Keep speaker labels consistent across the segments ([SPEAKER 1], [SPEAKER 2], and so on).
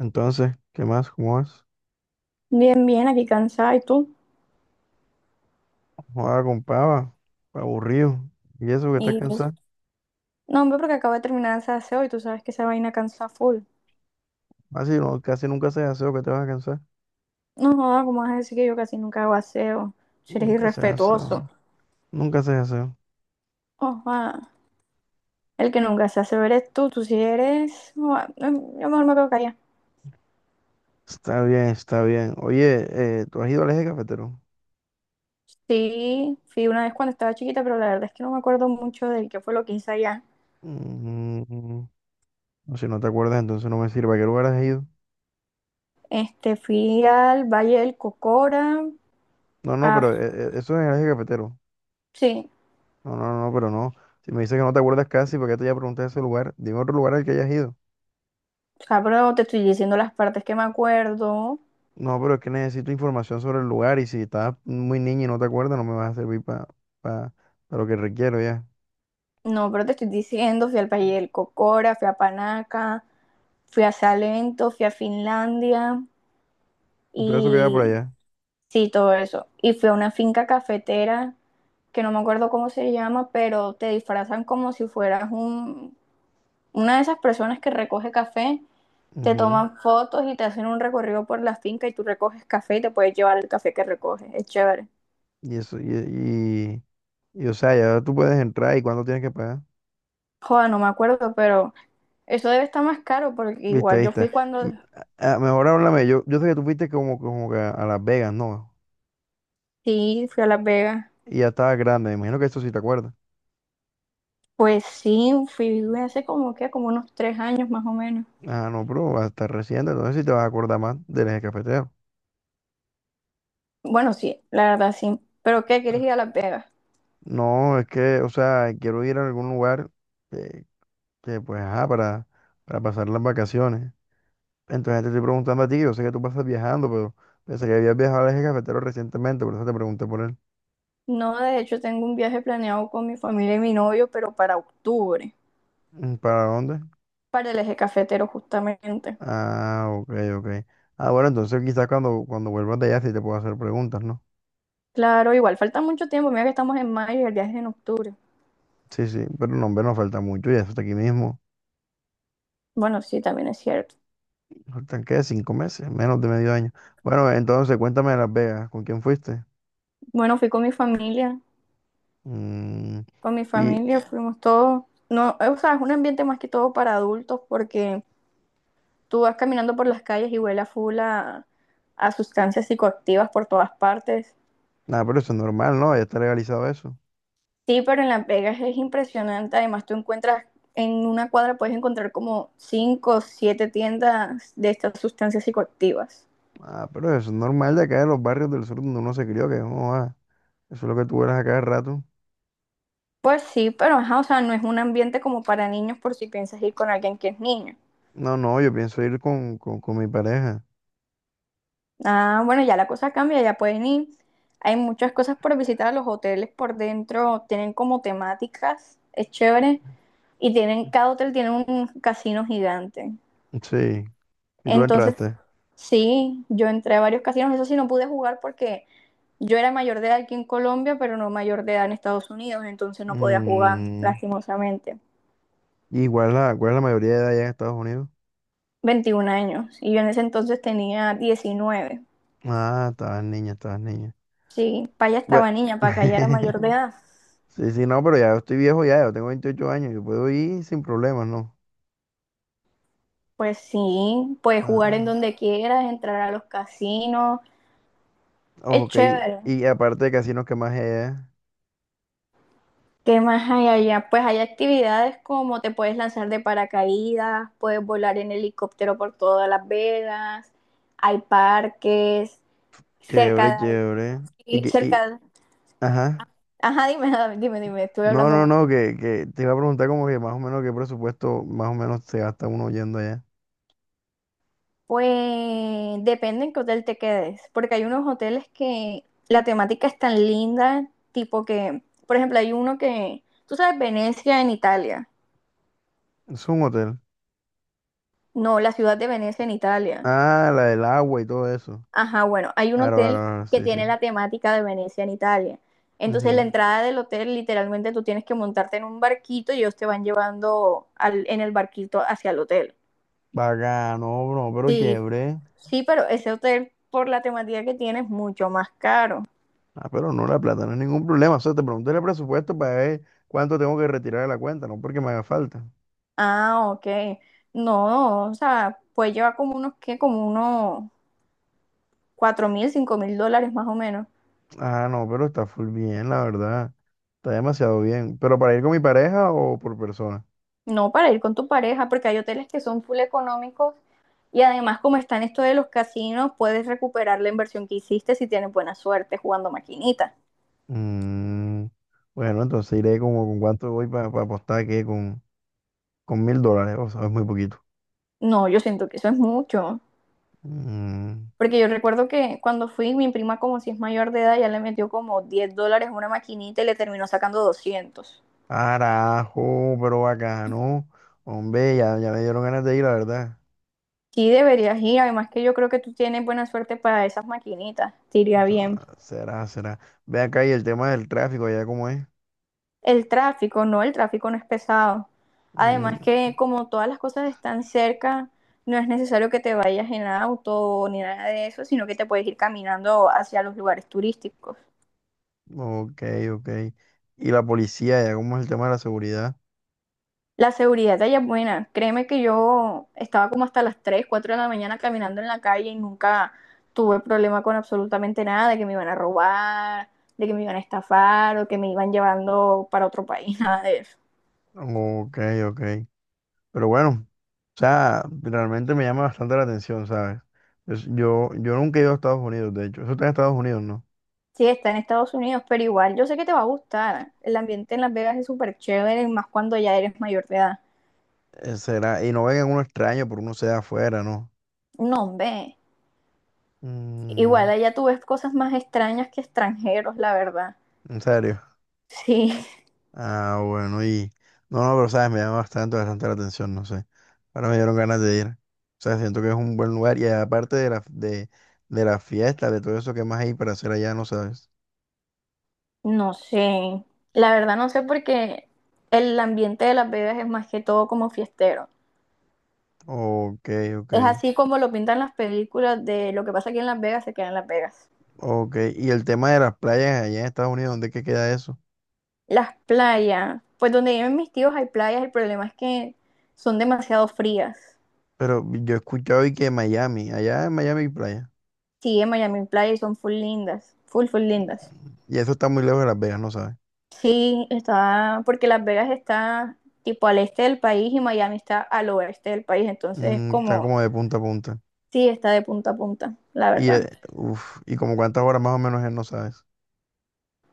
[SPEAKER 1] Entonces, ¿qué más? ¿Cómo vas?
[SPEAKER 2] Bien, bien, aquí cansada. ¿Y tú?
[SPEAKER 1] Joder, compa, aburrido. ¿Y eso que estás
[SPEAKER 2] Y
[SPEAKER 1] cansado?
[SPEAKER 2] no, hombre, porque acabo de terminar ese aseo y tú sabes que esa vaina cansa full.
[SPEAKER 1] Casi, no, casi nunca haces aseo, que te vas a cansar.
[SPEAKER 2] No joda, ¿cómo vas a decir que yo casi nunca hago aseo? Si eres
[SPEAKER 1] Nunca haces aseo.
[SPEAKER 2] irrespetuoso.
[SPEAKER 1] Nunca haces aseo.
[SPEAKER 2] Ojalá. El que nunca se hace ver es tú. Tú si eres. Joda, no, yo mejor me quedo callada.
[SPEAKER 1] Está bien, está bien. Oye, ¿tú has ido al eje cafetero?
[SPEAKER 2] Sí, fui una vez cuando estaba chiquita, pero la verdad es que no me acuerdo mucho de qué fue lo que hice allá.
[SPEAKER 1] Mm, no, si no te acuerdas, entonces no me sirve. ¿A qué lugar has ido?
[SPEAKER 2] Este, fui al Valle del Cocora.
[SPEAKER 1] No, no,
[SPEAKER 2] Ah,
[SPEAKER 1] pero eso es el eje cafetero.
[SPEAKER 2] sí,
[SPEAKER 1] No, no, no, pero no. Si me dices que no te acuerdas casi, porque te ya pregunté ese lugar, dime otro lugar al que hayas ido.
[SPEAKER 2] o sea, pero te estoy diciendo las partes que me acuerdo.
[SPEAKER 1] No, pero es que necesito información sobre el lugar y si estás muy niña y no te acuerdas, no me vas a servir para pa- lo que requiero ya.
[SPEAKER 2] No, pero te estoy diciendo, fui al Valle del Cocora, fui a Panaca, fui a Salento, fui a Finlandia
[SPEAKER 1] Todo eso queda por
[SPEAKER 2] y
[SPEAKER 1] allá.
[SPEAKER 2] sí, todo eso. Y fui a una finca cafetera que no me acuerdo cómo se llama, pero te disfrazan como si fueras una de esas personas que recoge café, te
[SPEAKER 1] Ujú.
[SPEAKER 2] toman fotos y te hacen un recorrido por la finca y tú recoges café y te puedes llevar el café que recoges. Es chévere.
[SPEAKER 1] Y eso, o sea, ya tú puedes entrar y cuánto tienes que pagar.
[SPEAKER 2] Joder, no me acuerdo, pero eso debe estar más caro porque
[SPEAKER 1] Viste,
[SPEAKER 2] igual yo
[SPEAKER 1] viste.
[SPEAKER 2] fui cuando
[SPEAKER 1] M- Mejor háblame, yo sé que tú fuiste como, como que a Las Vegas, ¿no?
[SPEAKER 2] sí, fui a Las Vegas.
[SPEAKER 1] Y ya estaba grande, me imagino que eso sí te acuerdas.
[SPEAKER 2] Pues sí, fui hace como que, como unos 3 años más o menos.
[SPEAKER 1] Ah, no, pero vas a estar reciente, entonces sí te vas a acordar más del eje cafetero.
[SPEAKER 2] Bueno, sí, la verdad sí. ¿Pero qué? ¿Quieres ir a Las Vegas?
[SPEAKER 1] No, es que, o sea, quiero ir a algún lugar. eh, que pues, ajá, para pasar las vacaciones. Entonces te estoy preguntando a ti, yo sé que tú pasas viajando, pero pensé que habías viajado al eje cafetero recientemente, por eso te pregunté por él.
[SPEAKER 2] No, de hecho tengo un viaje planeado con mi familia y mi novio, pero para octubre,
[SPEAKER 1] Mm, ¿para dónde?
[SPEAKER 2] para el eje cafetero justamente.
[SPEAKER 1] Ah, ok, ok. Ah, bueno, entonces quizás cuando vuelvas de allá sí te puedo hacer preguntas, ¿no?
[SPEAKER 2] Claro, igual falta mucho tiempo, mira que estamos en mayo y el viaje es en octubre.
[SPEAKER 1] Sí, sí, pero no, hombre, nos falta mucho, ya está aquí mismo.
[SPEAKER 2] Bueno, sí, también es cierto.
[SPEAKER 1] ¿Faltan qué? 5 meses, menos de medio año. Bueno, entonces cuéntame de Las Vegas, ¿con quién fuiste?
[SPEAKER 2] Bueno, fui
[SPEAKER 1] Mm,
[SPEAKER 2] con mi
[SPEAKER 1] y
[SPEAKER 2] familia fuimos todos. No, o sea, es un ambiente más que todo para adultos porque tú vas caminando por las calles y huele a full a sustancias psicoactivas por todas partes.
[SPEAKER 1] nada, pero eso es normal, ¿no? Ya está legalizado eso.
[SPEAKER 2] Sí, pero en Las Vegas es impresionante. Además, tú encuentras en una cuadra puedes encontrar como cinco o siete tiendas de estas sustancias psicoactivas.
[SPEAKER 1] Ah, pero eso es normal de acá de los barrios del sur donde uno se crió, que no, ah, eso es lo que tú eras a cada rato.
[SPEAKER 2] Pues sí, pero ajá, o sea, no es un ambiente como para niños por si piensas ir con alguien que es niño.
[SPEAKER 1] No, no, yo pienso ir con mi pareja.
[SPEAKER 2] Ah, bueno, ya la cosa cambia, ya pueden ir. Hay muchas cosas por visitar, los hoteles por dentro tienen como temáticas, es chévere. Y tienen, cada hotel tiene un casino gigante.
[SPEAKER 1] Sí, y tú
[SPEAKER 2] Entonces,
[SPEAKER 1] entraste.
[SPEAKER 2] sí, yo entré a varios casinos, eso sí no pude jugar porque yo era mayor de edad aquí en Colombia, pero no mayor de edad en Estados Unidos, entonces no podía jugar,
[SPEAKER 1] Mm,
[SPEAKER 2] lastimosamente.
[SPEAKER 1] igual la, ¿cuál es la mayoría de edad allá en Estados Unidos?
[SPEAKER 2] 21 años, y yo en ese entonces tenía 19.
[SPEAKER 1] Ah, estabas niña, estabas niña.
[SPEAKER 2] Sí, para allá
[SPEAKER 1] Bueno,
[SPEAKER 2] estaba niña, para acá ya era mayor de edad.
[SPEAKER 1] sí, sí, no, pero ya yo estoy viejo ya, yo tengo 28 años, yo puedo ir sin problemas, ¿no?
[SPEAKER 2] Pues sí, puedes jugar en
[SPEAKER 1] Ah,
[SPEAKER 2] donde quieras, entrar a los casinos, es
[SPEAKER 1] ok,
[SPEAKER 2] chévere.
[SPEAKER 1] y aparte de casinos qué más hay allá,
[SPEAKER 2] ¿Qué más hay allá? Pues hay actividades como te puedes lanzar de paracaídas, puedes volar en helicóptero por todas Las Vegas, hay parques, cerca
[SPEAKER 1] chévere,
[SPEAKER 2] de ahí,
[SPEAKER 1] chévere. Y
[SPEAKER 2] y
[SPEAKER 1] que, y,
[SPEAKER 2] cerca de-
[SPEAKER 1] ajá.
[SPEAKER 2] Ajá, dime, dime, dime, estuve
[SPEAKER 1] No,
[SPEAKER 2] hablando
[SPEAKER 1] no,
[SPEAKER 2] mucho.
[SPEAKER 1] no, que te iba a preguntar como que más o menos qué presupuesto más o menos se gasta uno yendo allá.
[SPEAKER 2] Pues depende en qué hotel te quedes, porque hay unos hoteles que la temática es tan linda, tipo que, por ejemplo, hay uno que, tú sabes, Venecia en Italia,
[SPEAKER 1] Es un hotel.
[SPEAKER 2] no, la ciudad de Venecia en Italia.
[SPEAKER 1] Ah, la del agua y todo eso.
[SPEAKER 2] Ajá, bueno, hay un
[SPEAKER 1] Claro, claro,
[SPEAKER 2] hotel
[SPEAKER 1] claro,
[SPEAKER 2] que
[SPEAKER 1] sí, sí.
[SPEAKER 2] tiene la temática de Venecia en Italia. Entonces, la
[SPEAKER 1] Ujú.
[SPEAKER 2] entrada del hotel, literalmente tú tienes que montarte en un barquito y ellos te van llevando al- en el barquito hacia el hotel.
[SPEAKER 1] Bacano, bro, pero
[SPEAKER 2] Sí,
[SPEAKER 1] chévere.
[SPEAKER 2] sí, pero ese hotel, por la temática que tiene, es mucho más caro.
[SPEAKER 1] Ah, pero no, la plata no es ningún problema. O sea, te pregunté el presupuesto para ver cuánto tengo que retirar de la cuenta, no porque me haga falta.
[SPEAKER 2] Ah, ok. No, o sea, pues lleva como unos, ¿qué? Como unos $4,000, $5,000 más o menos.
[SPEAKER 1] Ah, no, pero está full bien, la verdad. Está demasiado bien. ¿Pero para ir con mi pareja o por persona?
[SPEAKER 2] No para ir con tu pareja, porque hay hoteles que son full económicos. Y además, como está en esto de los casinos, puedes recuperar la inversión que hiciste si tienes buena suerte jugando maquinita.
[SPEAKER 1] Mm, bueno, entonces iré como con cuánto voy para apostar, ¿qué? Con... con $1.000, o sea, es muy poquito.
[SPEAKER 2] No, yo siento que eso es mucho.
[SPEAKER 1] Mm,
[SPEAKER 2] Porque yo recuerdo que cuando fui, mi prima, como si es mayor de edad, ya le metió como $10 a una maquinita y le terminó sacando 200.
[SPEAKER 1] carajo, pero bacano. Hombre, ya, ya me dieron ganas de ir, la verdad.
[SPEAKER 2] Sí, deberías ir. Además, que yo creo que tú tienes buena suerte para esas maquinitas. Te
[SPEAKER 1] O
[SPEAKER 2] iría bien.
[SPEAKER 1] sea, será, será. Ve acá y el tema del tráfico, allá cómo es.
[SPEAKER 2] El tráfico no es pesado.
[SPEAKER 1] Mm,
[SPEAKER 2] Además que como todas las cosas están cerca, no es necesario que te vayas en auto ni nada de eso, sino que te puedes ir caminando hacia los lugares turísticos.
[SPEAKER 1] ok, ok. Y la policía, allá cómo es el tema de la seguridad.
[SPEAKER 2] La seguridad de allá es buena. Créeme que yo estaba como hasta las 3, 4 de la mañana caminando en la calle y nunca tuve problema con absolutamente nada, de que me iban a robar, de que me iban a estafar o que me iban llevando para otro país, nada de eso.
[SPEAKER 1] Ok, ok. Pero bueno, o sea, realmente me llama bastante la atención, ¿sabes? Yo, yo nunca he ido a Estados Unidos, de hecho. Eso está en Estados Unidos, ¿no?
[SPEAKER 2] Sí, está en Estados Unidos, pero igual yo sé que te va a gustar. El ambiente en Las Vegas es súper chévere, más cuando ya eres mayor de edad.
[SPEAKER 1] Será, ¿y no vengan uno extraño por uno sea afuera, ¿no?
[SPEAKER 2] No, hombre.
[SPEAKER 1] Mm,
[SPEAKER 2] Igual allá tú ves cosas más extrañas que extranjeros, la verdad.
[SPEAKER 1] ¿en serio?
[SPEAKER 2] Sí,
[SPEAKER 1] Ah, bueno, y... no, no, pero sabes, me llama bastante, bastante la atención, no sé. Ahora me dieron ganas de ir. O sea, siento que es un buen lugar y aparte de de la fiesta, de todo eso ¿que más hay para hacer allá, no sabes?
[SPEAKER 2] no sé. La verdad no sé porque el ambiente de Las Vegas es más que todo como fiestero.
[SPEAKER 1] Ok, ok,
[SPEAKER 2] Es así como lo pintan las películas de lo que pasa aquí en Las Vegas se queda en Las Vegas.
[SPEAKER 1] ok. Y el tema de las playas allá en Estados Unidos, ¿dónde es que queda eso?
[SPEAKER 2] Las playas, pues donde viven mis tíos hay playas, el problema es que son demasiado frías.
[SPEAKER 1] Pero yo he escuchado y que Miami, allá en Miami hay playa.
[SPEAKER 2] Sí, en Miami Playa y son full lindas, full, full lindas.
[SPEAKER 1] ¿Y eso está muy lejos de Las Vegas, no sabes?
[SPEAKER 2] Sí, está, porque Las Vegas está tipo al este del país y Miami está al oeste del país, entonces es
[SPEAKER 1] Mm, están
[SPEAKER 2] como,
[SPEAKER 1] como de punta a punta.
[SPEAKER 2] sí, está de punta a punta, la
[SPEAKER 1] Y,
[SPEAKER 2] verdad.
[SPEAKER 1] uf, ¿y como cuántas horas más o menos es, no sabes?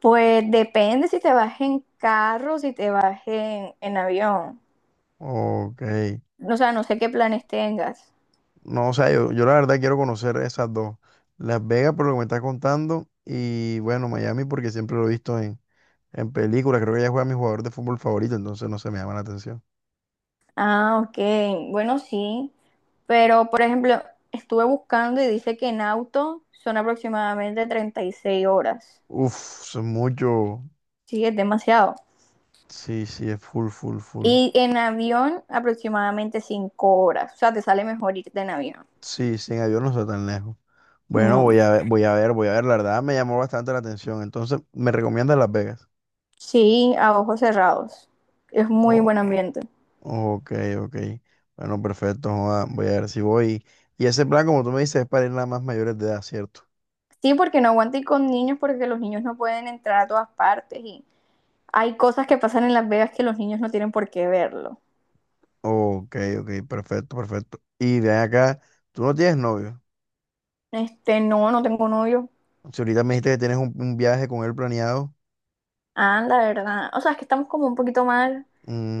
[SPEAKER 2] Pues depende si te vas en carro, si te vas en avión.
[SPEAKER 1] Ok.
[SPEAKER 2] O sea, no sé qué planes tengas.
[SPEAKER 1] No, o sea, yo la verdad quiero conocer esas dos. Las Vegas por lo que me estás contando y bueno, Miami porque siempre lo he visto en películas. Creo que ya juega mi jugador de fútbol favorito, entonces no se me llama la atención.
[SPEAKER 2] Ah, ok, bueno, sí, pero por ejemplo, estuve buscando y dice que en auto son aproximadamente 36 horas.
[SPEAKER 1] Uf, eso es mucho.
[SPEAKER 2] Sí, es demasiado.
[SPEAKER 1] Sí, sí, es full, full, full.
[SPEAKER 2] Y en avión aproximadamente 5 horas. O sea, te sale mejor irte en avión.
[SPEAKER 1] Sí, sin avión no está tan lejos. Bueno,
[SPEAKER 2] No.
[SPEAKER 1] voy a ver, voy a ver, voy a ver. La verdad me llamó bastante la atención. Entonces, ¿me recomiendas Las Vegas?
[SPEAKER 2] Sí, a ojos cerrados. Es muy buen ambiente.
[SPEAKER 1] Ok, ok. Bueno, perfecto. Joda, voy a ver si voy. Y ese plan, como tú me dices, es para ir nada más mayores de edad, ¿cierto?
[SPEAKER 2] Sí, porque no aguanto ir con niños porque los niños no pueden entrar a todas partes y hay cosas que pasan en Las Vegas que los niños no tienen por qué verlo.
[SPEAKER 1] Ok, ok, perfecto, perfecto. Y ven acá, tú no tienes novio.
[SPEAKER 2] Este, no, no tengo novio.
[SPEAKER 1] Si ahorita me dijiste que tienes un viaje con él planeado.
[SPEAKER 2] Ah, la verdad. O sea, es que estamos como un poquito mal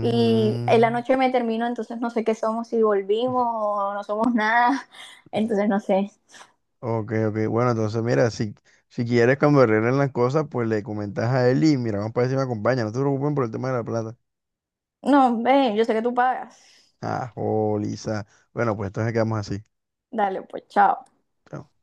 [SPEAKER 2] y en la noche me termino, entonces no sé qué somos, si volvimos o no somos nada. Entonces no sé.
[SPEAKER 1] ok, ok. Bueno, entonces mira, si quieres cuando arreglen las cosas, pues le comentas a él y mira, vamos para ver si me acompaña. No te preocupes por el tema de la plata.
[SPEAKER 2] No, ven, yo sé que tú pagas.
[SPEAKER 1] Ah, joliza. Bueno, pues entonces quedamos así.
[SPEAKER 2] Dale, pues, chao.
[SPEAKER 1] Chao.